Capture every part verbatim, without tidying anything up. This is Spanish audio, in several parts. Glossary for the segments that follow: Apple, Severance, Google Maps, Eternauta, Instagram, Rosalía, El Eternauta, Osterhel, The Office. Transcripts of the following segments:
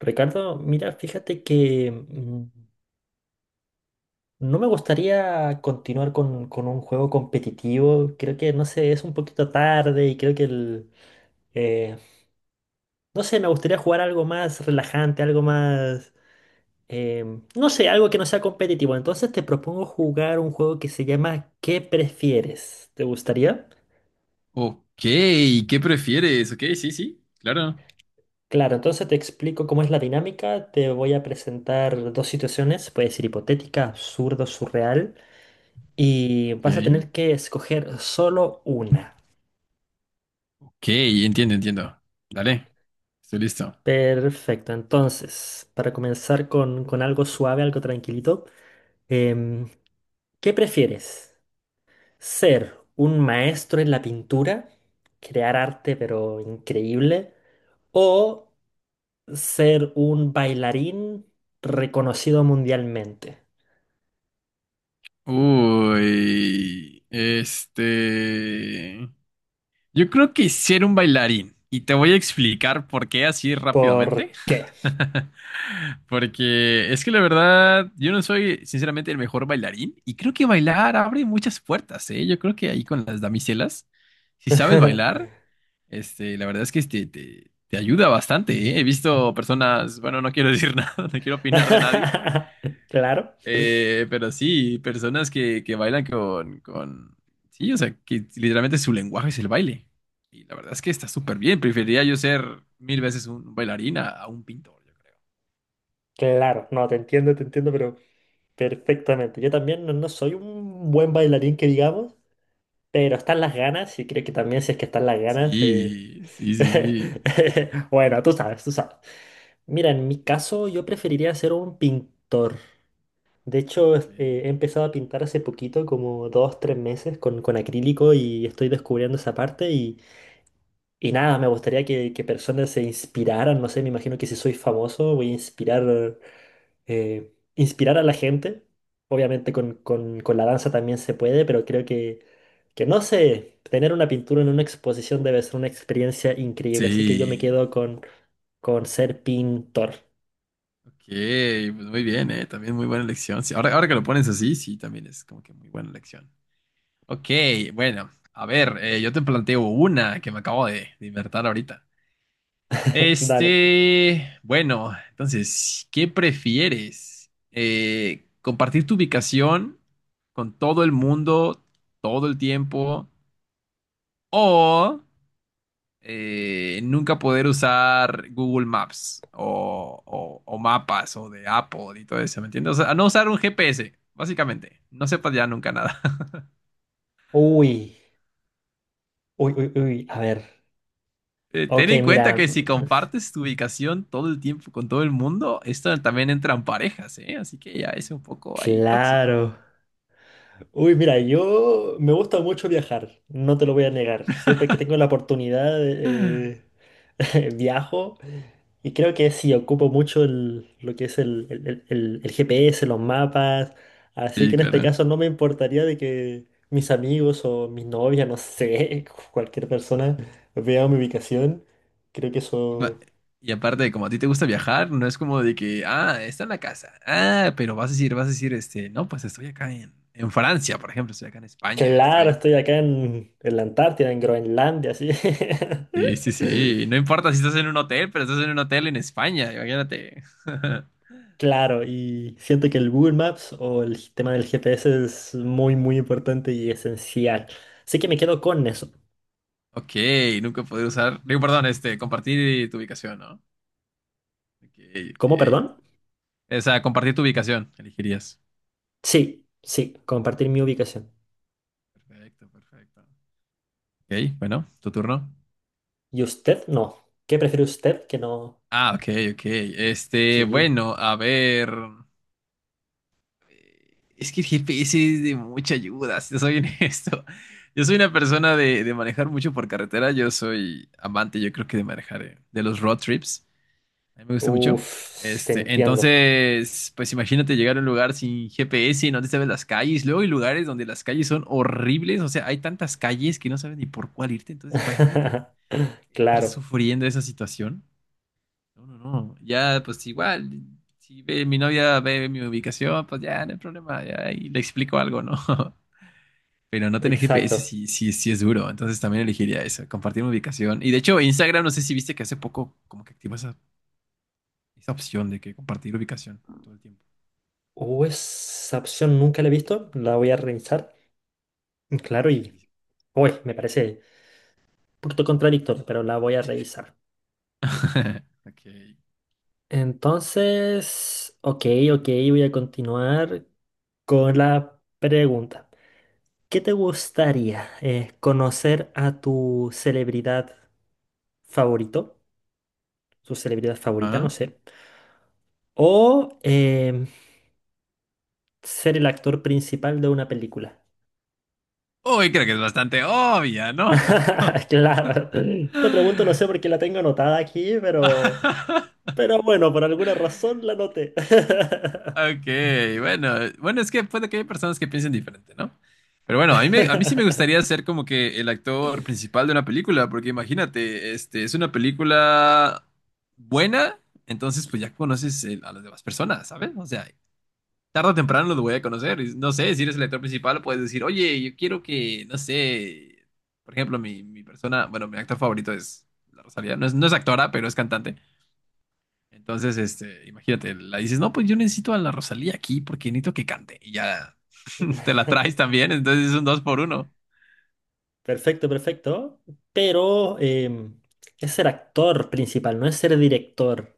Ricardo, mira, fíjate que mm, no me gustaría continuar con, con un juego competitivo. Creo que, no sé, es un poquito tarde y creo que el... eh, no sé, me gustaría jugar algo más relajante, algo más... em, no sé, algo que no sea competitivo. Entonces te propongo jugar un juego que se llama ¿Qué prefieres? ¿Te gustaría? Ok, ¿qué prefieres? Ok, sí, sí, claro. Claro, entonces te explico cómo es la dinámica. Te voy a presentar dos situaciones. Puede ser hipotética, absurdo, surreal. Y vas a Ok, tener que escoger solo una. ok, entiendo, entiendo. Dale, estoy listo. Perfecto, entonces, para comenzar con, con algo suave, algo tranquilito, em, ¿qué prefieres? ¿Ser un maestro en la pintura, crear arte pero increíble, o ser un bailarín reconocido mundialmente? Uy, este... yo creo que ser un bailarín. Y te voy a explicar por qué así rápidamente. ¿Por qué? Porque es que la verdad, yo no soy sinceramente el mejor bailarín. Y creo que bailar abre muchas puertas, ¿eh? Yo creo que ahí con las damiselas, si sabes bailar. Este, la verdad es que este, te, te ayuda bastante, ¿eh? He visto personas, bueno, no quiero decir nada, no quiero opinar de nadie, Claro, eh, pero sí, personas que, que bailan con, con, sí, o sea, que literalmente su lenguaje es el baile. Y la verdad es que está súper bien, preferiría yo ser mil veces un bailarín a, a un pintor, yo creo. claro, no, te entiendo, te entiendo, pero... Perfectamente. Yo también no, no soy un buen bailarín que digamos, pero están las ganas y creo que también si es que están las ganas... eh, Sí, sí, sí, sí. Bueno, tú sabes, tú sabes. Mira, en mi caso yo preferiría ser un pintor. De hecho, Ok. es- eh, he empezado a pintar hace poquito, como dos, tres meses, con, con acrílico y estoy descubriendo esa parte y, y nada, me gustaría que, que personas se inspiraran, no sé, me imagino que si soy famoso voy a inspirar eh, inspirar a la gente. Obviamente con, con- con la danza también se puede, pero creo que, que no sé, tener una pintura en una exposición debe ser una experiencia increíble. Así que yo me Sí, quedo con, con ser pintor. ok, pues muy bien, ¿eh? También muy buena elección. Sí, ahora, ahora que lo pones así, sí, también es como que muy buena elección. Ok, bueno, a ver, eh, yo te planteo una que me acabo de, de inventar ahorita. Dale. Este, bueno, entonces, ¿qué prefieres? Eh, ¿compartir tu ubicación con todo el mundo todo el tiempo o eh, nunca poder usar Google Maps o, o- o mapas o de Apple y todo eso, ¿me entiendes? O sea, no usar un G P S, básicamente. No sepas ya nunca nada. Uy, uy, uy, uy, a ver. Eh, ten Ok, en cuenta mira, que si mm, compartes tu ubicación todo el tiempo con todo el mundo, esto también entra en parejas, ¿eh? Así que ya es un poco ahí tóxico. claro. Uy, mira, yo me gusta mucho viajar, no te lo voy a negar. Siempre que tengo la oportunidad, eh, viajo. Y creo que sí, ocupo mucho el- lo que es el, el- el- el- el G P S, los mapas, así Sí, que en este claro. caso no me importaría de que mis amigos o mis novias, no sé, cualquier persona vea mi ubicación. Creo que Y, ma- eso... y aparte, como a ti te gusta viajar, no es como de que, ah, está en la casa. Ah, pero vas a decir, vas a decir, este, no, pues estoy acá en, en Francia, por ejemplo, estoy acá en España, Claro, estoy. estoy acá en, en la Antártida, en Groenlandia, así. Sí, sí, sí. No importa si estás en un hotel, pero estás en un hotel en España, imagínate. Claro, y siento que el Google Maps o el tema del G P S es muy, muy importante y esencial. Así que me quedo con eso. Ok, nunca poder usar. Digo, perdón, este, compartir tu ubicación, ¿no? Ok, ¿Cómo, perdón? ok. O sea, compartir tu ubicación, elegirías. Sí, sí, compartir mi ubicación. Perfecto, perfecto. Ok, bueno, tu turno. ¿Y usted? No. ¿Qué prefiere usted que no? Ah, ok, ok. Este, Sí. bueno, a ver. eh, Es que el G P S es de mucha ayuda, si te soy honesto. Yo soy una persona de, de manejar mucho por carretera. Yo soy amante, yo creo que de manejar, eh, de los road trips. A mí me gusta mucho. Uf, te Este, entiendo. entonces, pues imagínate llegar a un lugar sin G P S, no te sabes las calles. Luego hay lugares donde las calles son horribles, o sea, hay tantas calles que no sabes ni por cuál irte. Entonces, imagínate estar Claro, sufriendo esa situación. No, no, no. Ya, pues igual, si ve mi novia ve mi ubicación, pues ya no hay problema, ya ahí le explico algo, ¿no? Pero no tener G P S exacto. sí, sí, sí es duro. Entonces, también elegiría eso, compartir mi ubicación. Y de hecho, Instagram, no sé si viste que hace poco como que activó esa esa opción de que compartir ubicación todo el tiempo. Uh, esa opción nunca la he visto, la voy a revisar. Claro, y Sí. uy, me parece un poquito contradictorio, pero la voy a revisar. Ok. Entonces, ok, ok, voy a continuar con la pregunta. ¿Qué te gustaría eh, conocer a tu celebridad favorito? Su celebridad favorita, no Ajá. sé. O em, ser el actor principal de una película. Uy, creo que es bastante obvia, ¿no? Claro. Esta pregunta no sé por qué la tengo anotada aquí, pero, pero bueno, por alguna razón la anoté. Ok, bueno, bueno, es que puede que haya personas que piensen diferente, ¿no? Pero bueno, a mí, me- a mí sí me gustaría ser como que el actor principal de una película, porque imagínate, este, es una película buena, entonces pues ya conoces el- a las demás personas, ¿sabes? O sea, tarde o temprano los voy a conocer. Y no sé, si eres el actor principal, puedes decir, oye, yo quiero que, no sé, por ejemplo, mi, mi persona, bueno, mi actor favorito es la Rosalía. No es, no es actora, pero es cantante. Entonces, este, imagínate, la dices, no, pues yo necesito a la Rosalía aquí porque necesito que cante. Y ya te la traes también, entonces es un dos por uno. Perfecto, perfecto. Pero em, es ser actor principal, no es ser director.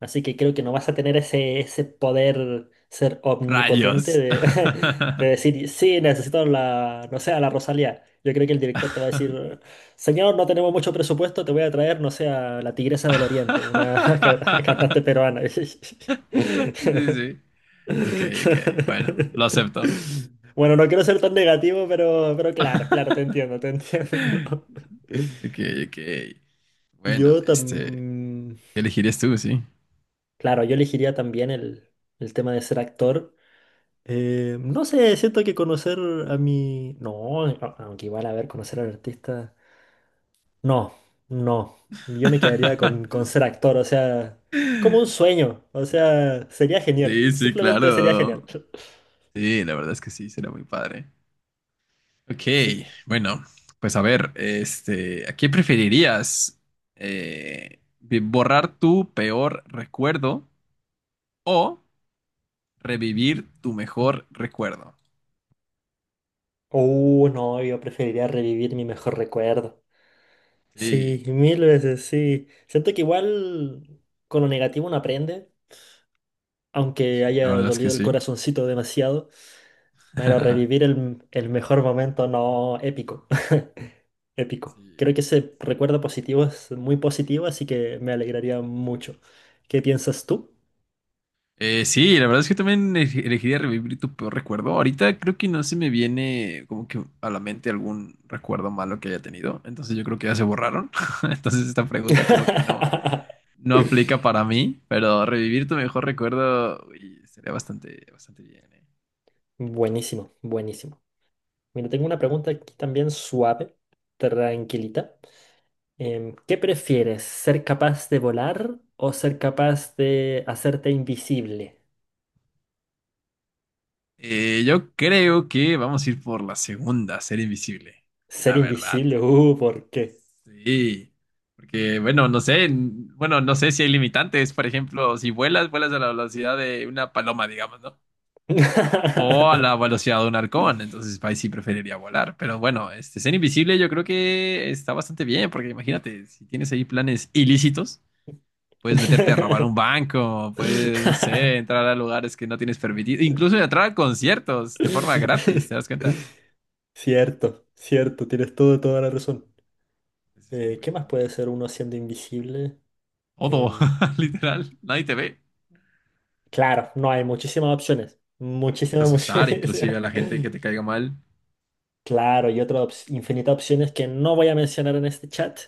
Así que creo que no vas a tener ese, ese poder ser omnipotente Rayos. de, de decir, sí, necesito la, no sé, a la Rosalía. Yo creo que el director te va a decir, señor, no tenemos mucho presupuesto, te voy a traer, no sé, a la Tigresa del Oriente, una ca- cantante peruana. Sí, sí. Ok, ok. Bueno, lo acepto. Bueno, no quiero ser tan negativo, pero, pero claro, claro, te entiendo, te entiendo. Ok, ok. Bueno, Yo este, también, ¿qué elegirías tú, sí? claro, yo elegiría también el, el tema de ser actor. Eh, no sé, siento que conocer a mi... No, a- aunque igual a ver, conocer al artista... No, no, yo me quedaría con, con ser actor, o sea, como un sueño, o sea, sería genial, Sí, sí, simplemente sería claro. genial. Sí, la verdad es que sí, será muy padre. Ok, Sí. bueno, pues a ver, este, ¿a qué preferirías? Eh, vi- ¿borrar tu peor recuerdo o revivir tu mejor recuerdo? Uh, no, yo preferiría revivir mi mejor recuerdo. Sí, Sí, mil veces, sí. Siento que igual con lo negativo uno aprende, aunque sí, la haya verdad es que dolido el sí. corazoncito demasiado, pero revivir el, el mejor momento no épico. Épico. Sí, Creo que ese sí. recuerdo positivo es muy positivo, así que me alegraría mucho. ¿Qué piensas tú? Eh, sí, la verdad es que también ele- elegiría revivir tu peor recuerdo. Ahorita creo que no se me viene como que a la mente algún recuerdo malo que haya tenido. Entonces yo creo que ya se borraron. Entonces esta pregunta como que no, no aplica para mí, pero revivir tu mejor recuerdo uy, sería bastante, bastante bien, ¿eh? Buenísimo, buenísimo. Mira, tengo una pregunta aquí también suave, tranquilita. Em, ¿qué prefieres? ¿Ser capaz de volar o ser capaz de hacerte invisible? Eh, yo creo que vamos a ir por la segunda, ser invisible. Ser La verdad. invisible, uh, ¿por qué? Sí, porque bueno, no sé, n- bueno, no sé si hay limitantes, por ejemplo, si vuelas, vuelas a la velocidad de una paloma, digamos, ¿no? O a la velocidad de un halcón, entonces ahí sí preferiría volar, pero bueno, este, ser invisible yo creo que está bastante bien, porque imagínate, si tienes ahí planes ilícitos, puedes meterte a robar un banco, puedes, no sé, entrar a lugares que no tienes permitido, incluso entrar a conciertos de forma gratis, ¿te das cuenta? Cierto, cierto, tienes todo, toda la razón. Eso es muy Eh, ¿qué bueno, más es muy puede bueno. ser uno siendo invisible? Todo, Em, literal, nadie te ve. claro, no hay muchísimas opciones. Puedes Muchísimas, asustar inclusive muchísimas. a la gente que te caiga mal. Claro, y otras ops- infinitas opciones que no voy a mencionar en este chat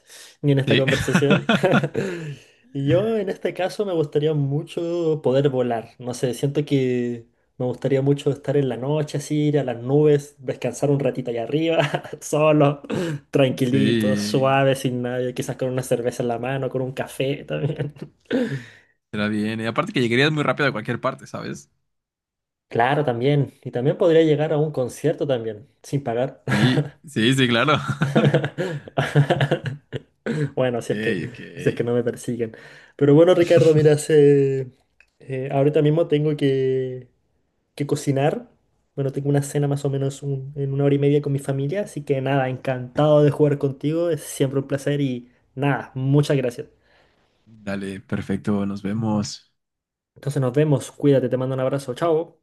ni en esta Sí. conversación. Y yo en este caso me gustaría mucho poder volar. No sé, siento que me gustaría mucho estar en la noche así, ir a las nubes, descansar un ratito allá arriba, solo, tranquilito, Sí, suave, sin nadie, quizás con una cerveza en la mano, con un café también. será bien. Y aparte que llegarías muy rápido a cualquier parte, ¿sabes? Claro, también. Y también podría llegar a un concierto también, sin pagar. Sí, sí, sí, claro. Bueno, si es que, Ok, ok. si es que no me persiguen. Pero bueno, Ricardo, mira, se- eh, ahorita mismo tengo que, que cocinar. Bueno, tengo una cena más o menos un- en una hora y media con mi familia, así que nada, encantado de jugar contigo, es siempre un placer y nada, muchas gracias. Dale, perfecto, nos vemos. Entonces nos vemos, cuídate, te mando un abrazo, chao.